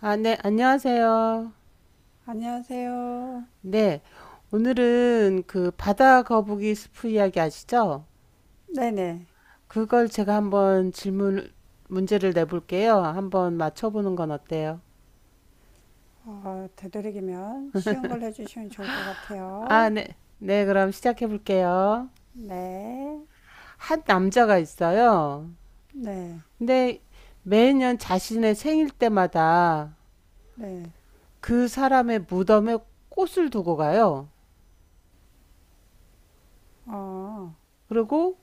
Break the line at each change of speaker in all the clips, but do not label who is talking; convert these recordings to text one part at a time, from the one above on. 아, 네, 안녕하세요.
안녕하세요.
네, 오늘은 그 바다 거북이 스프 이야기 아시죠?
네네.
그걸 제가 한번 질문, 문제를 내볼게요. 한번 맞춰보는 건 어때요?
되도록이면 쉬운 걸 해주시면 좋을 것
아,
같아요.
네, 네, 그럼 시작해볼게요.
네.
한 남자가 있어요.
네.
근데 매년 자신의 생일 때마다
네.
그 사람의 무덤에 꽃을 두고 가요.
어,
그리고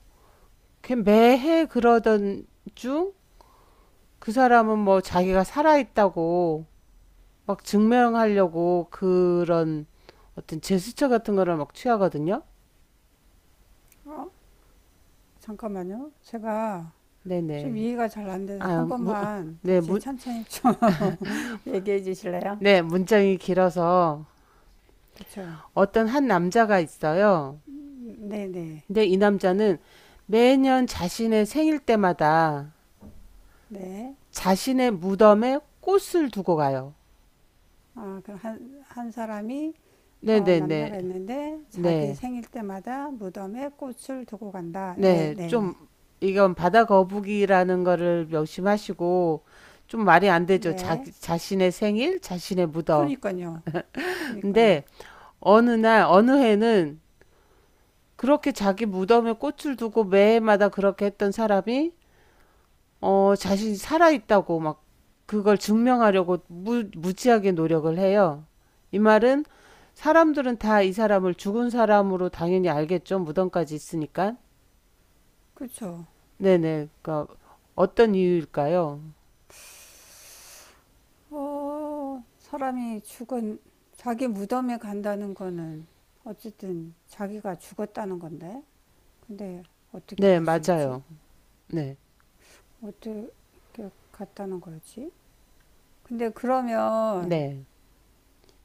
걔 매해 그러던 중 그 사람은 뭐 자기가 살아있다고 막 증명하려고 그런 어떤 제스처 같은 거를 막 취하거든요.
어, 잠깐만요. 제가 좀
네네.
이해가 잘 안 돼서
아,
한
무,
번만
네,
다시
문,
천천히 좀 얘기해 주실래요?
네, 문장이 길어서
그쵸?
어떤 한 남자가 있어요.
네네.
근데 이 남자는 매년 자신의 생일 때마다
네.
자신의 무덤에 꽃을 두고 가요.
아, 그럼 한 사람이
네네네.
남자가 있는데 자기
네.
생일 때마다 무덤에 꽃을 두고 간다. 네,
네. 좀,
네,
이건 바다 거북이라는 거를 명심하시고, 좀 말이 안
네.
되죠. 자,
네.
자신의 생일, 자신의 무덤.
그러니까요. 그니까요.
근데 어느 날 어느 해는 그렇게 자기 무덤에 꽃을 두고 매해마다 그렇게 했던 사람이 어 자신이 살아 있다고 막 그걸 증명하려고 무, 무지하게 노력을 해요. 이 말은 사람들은 다 이 사람을 죽은 사람으로 당연히 알겠죠. 무덤까지 있으니까.
그쵸.
네네. 그러니까 어떤 이유일까요?
사람이 죽은, 자기 무덤에 간다는 거는 어쨌든 자기가 죽었다는 건데. 근데 어떻게
네,
갈 수 있지?
맞아요. 네.
어떻게 갔다는 거지? 근데 그러면
네.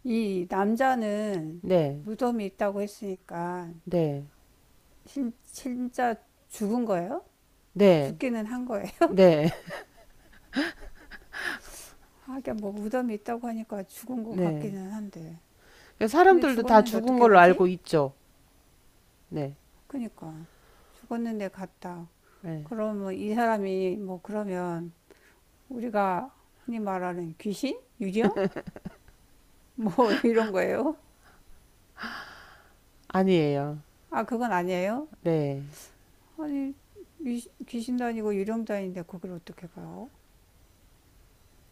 이 남자는
네.
무덤이 있다고 했으니까
네.
진짜 죽은 거예요?
네.
죽기는 한 거예요.
네.
하긴 뭐 무덤이 있다고 하니까 죽은 것
네.
같기는 한데.
그러니까
근데
사람들도 다
죽었는데
죽은
어떻게
걸로
가지?
알고 있죠. 네.
그니까 죽었는데 갔다.
네.
그러면 이 사람이 뭐 그러면 우리가 흔히 말하는 귀신? 유령? 뭐 이런 거예요?
아니에요.
아, 그건 아니에요?
네.
아니, 귀신도 아니고 유령도 아닌데 거를 어떻게 가요?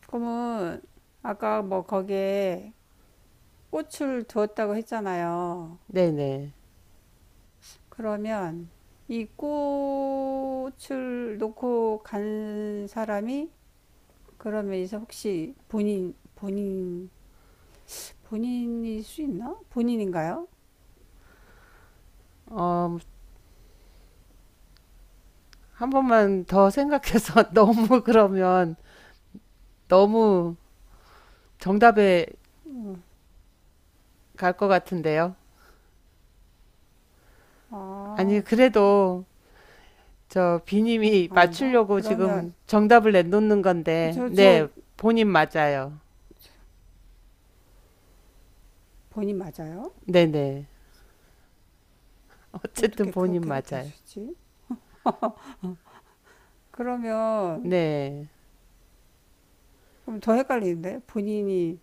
그러면 아까 뭐 거기에 꽃을 두었다고 했잖아요.
네네.
그러면 이 꽃을 놓고 간 사람이 그러면 이제 혹시 본인일 수 있나? 본인인가요?
어, 한 번만 더 생각해서 너무 그러면 너무 정답에 갈 것 같은데요. 아니,
아,
그래도 저 비님이
아닌가?
맞추려고
그러면
지금 정답을 내놓는 건데,
저
네, 본인 맞아요.
본인 맞아요?
네네. 어쨌든
어떻게
본인
그렇게가 될
맞아요.
수 있지? 그러면
네,
그럼 더 헷갈리는데 본인이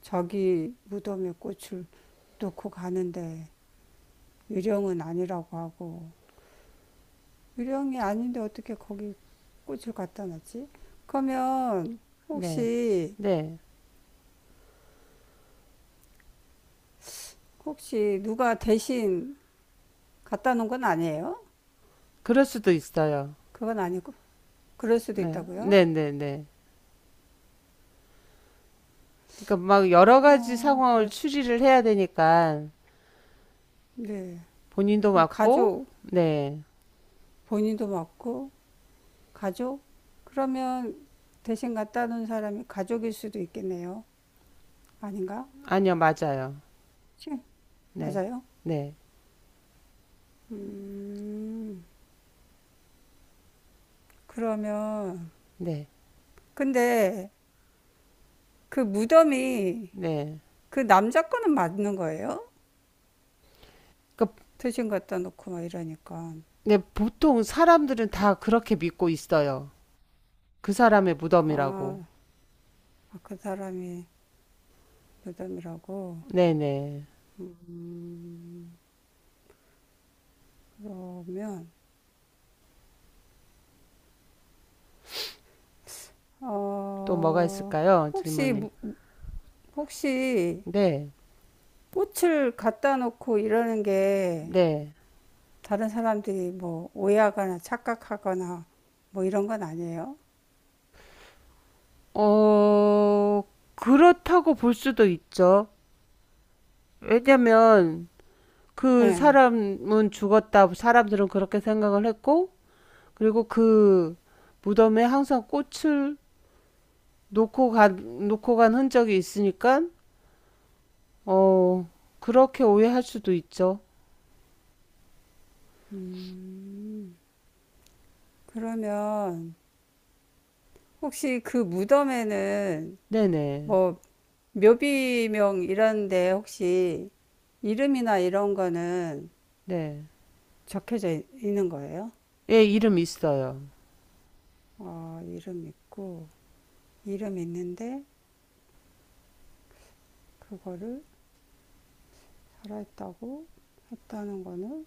자기 무덤에 꽃을 놓고 가는데 유령은 아니라고 하고 유령이 아닌데 어떻게 거기 꽃을 갖다 놨지? 그러면
네,
혹시
네.
혹시 누가 대신 갖다 놓은 건 아니에요?
그럴 수도 있어요.
그건 아니고 그럴 수도
네,
있다고요?
네네네. 그러니까 막 여러 가지
어,
상황을
그렇,
추리를 해야 되니까,
네.
본인도
그럼
맞고,
가족,
네.
본인도 맞고, 가족? 그러면 대신 갖다 놓은 사람이 가족일 수도 있겠네요. 아닌가?
아니요, 맞아요.
치,
네.
맞아요?
네.
음, 그러면,
네.
근데 그 무덤이
네.
그 남자 거는 맞는 거예요?
그러니까
대신 갖다 놓고 막 이러니까.
네, 보통 사람들은 다 그렇게 믿고 있어요. 그 사람의 무덤이라고.
아, 아, 그 사람이 무덤이라고.
네네.
그러면,
또 뭐가
어,
있을까요?
혹시,
질문이.
혹시
네.
꽃을 갖다 놓고 이러는 게
네.
다른 사람들이 뭐 오해하거나 착각하거나 뭐 이런 건 아니에요?
어, 그렇다고 볼 수도 있죠. 왜냐면
예.
그
네.
사람은 죽었다. 사람들은 그렇게 생각을 했고, 그리고 그 무덤에 항상 꽃을 놓고 간 흔적이 있으니까 어 그렇게 오해할 수도 있죠.
그러면 혹시 그 무덤에는
네네
뭐 묘비명 이런데 혹시 이름이나 이런 거는
네.
적혀져 있- 는 거예요?
예 이름 있어요.
아, 이름 있고, 이름 있는데 그거를 살아있다고 했다는 거는?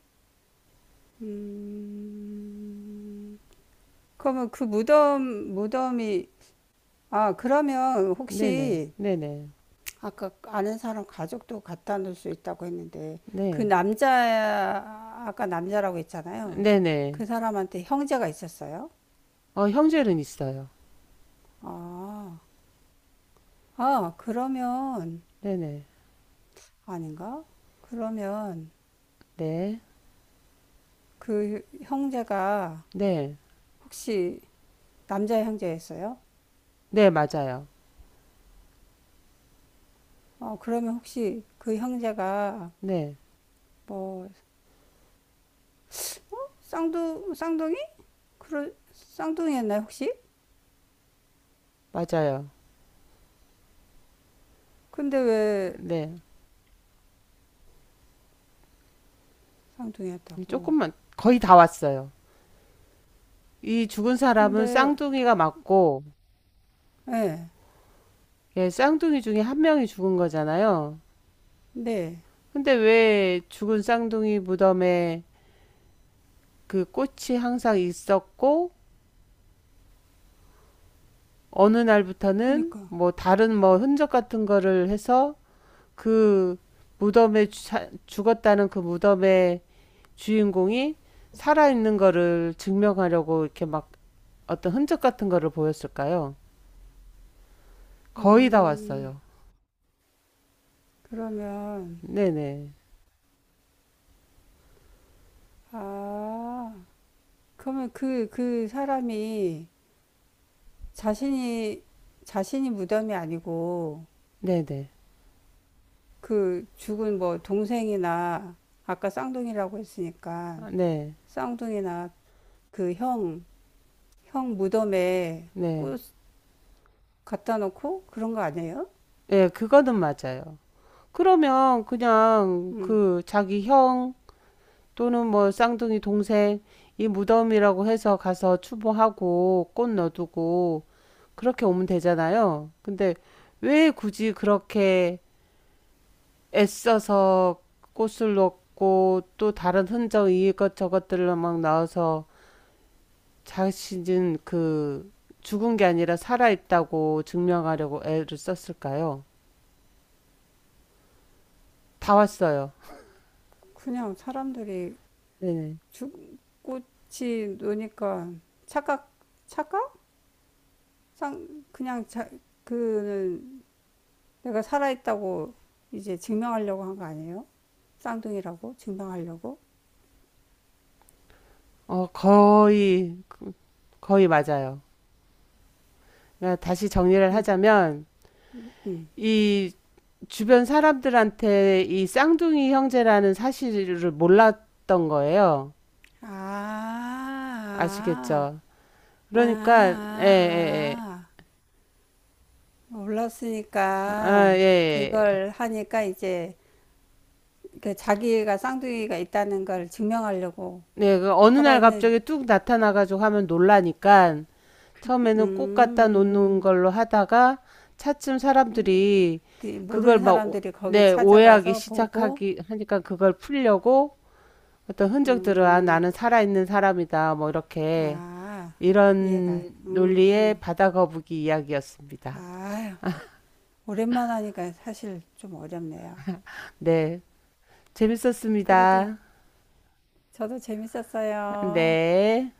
그러면 그 무덤이 아, 그러면
네네
혹시
네네
아까 아는 사람 가족도 갖다 놓을 수 있다고 했는데 그
네
남자 아까 남자라고 했잖아요.
네네
그 사람한테 형제가 있었어요?
어 형제는 있어요.
아, 아, 그러면
네네
아닌가? 그러면
네
그 형제가
네.
혹시 남자 형제였어요?
네, 맞아요.
그러면 혹시 그 형제가
네,
뭐 쌍둥이? 그럴 쌍둥이였나요, 혹시?
맞아요.
근데 왜
네.
쌍둥이였다고?
조금만, 거의 다 왔어요. 이 죽은 사람은
근데,
쌍둥이가 맞고,
예,
예, 쌍둥이 중에 한 명이 죽은 거잖아요.
네,
근데 왜 죽은 쌍둥이 무덤에 그 꽃이 항상 있었고 어느 날부터는
그니까.
뭐 다른 뭐 흔적 같은 거를 해서 그 무덤에 죽었다는 그 무덤의 주인공이 살아 있는 거를 증명하려고 이렇게 막 어떤 흔적 같은 거를 보였을까요? 거의 다
음,
왔어요.
그러면,
네네.
아, 그러면 그 사람이 자신이, 자신이 무덤이 아니고,
네네.
그 죽은 뭐 동생이나, 아까 쌍둥이라고 했으니까,
아, 네
쌍둥이나 그 형 무덤에
네.
꽃 갖다 놓고 그런 거 아니에요?
네. 예, 그거는 맞아요. 그러면 그냥
음,
그 자기 형 또는 뭐 쌍둥이 동생 이 무덤이라고 해서 가서 추모하고 꽃 넣어두고 그렇게 오면 되잖아요. 근데 왜 굳이 그렇게 애써서 꽃을 넣고 또 다른 흔적 이것 저것들을 막 넣어서 자신은 그 죽은 게 아니라 살아있다고 증명하려고 애를 썼을까요? 다 왔어요.
그냥 사람들이
네.
꽃이 노니까 착각, 착각? 상 그냥 그는 내가 살아있다고 이제 증명하려고 한 거 아니에요? 쌍둥이라고 증명하려고?
어, 거의, 거의 맞아요. 그러니까 다시 정리를
그럼
하자면,
음.
이 주변 사람들한테 이 쌍둥이 형제라는 사실을 몰랐던 거예요.
아,
아시겠죠?
아, 아, 아,
그러니까 예, 예, 예.
아. 몰랐으니까
아, 예, 예. 예.
그걸 하니까 이제 그 자기가 쌍둥이가 있다는 걸 증명하려고
네, 그 어느 날
살아있는
갑자기 뚝 나타나가지고 하면 놀라니까 처음에는 꽃 갖다 놓는
음,
걸로 하다가 차츰 사람들이
그
그걸
모르는
막 오-
사람들이 거기
네, 오해하기
찾아가서 보고
시작하기 하니까 그걸 풀려고 어떤 흔적들을 아,
음.
나는 살아있는 사람이다 뭐 이렇게
아, 이해가.
이런 논리의
음.
바다거북이 이야기였습니다.
아, 오랜만 하니까 사실 좀 어렵네요.
네.
그래도
재밌었습니다.
저도 재밌었어요.
네.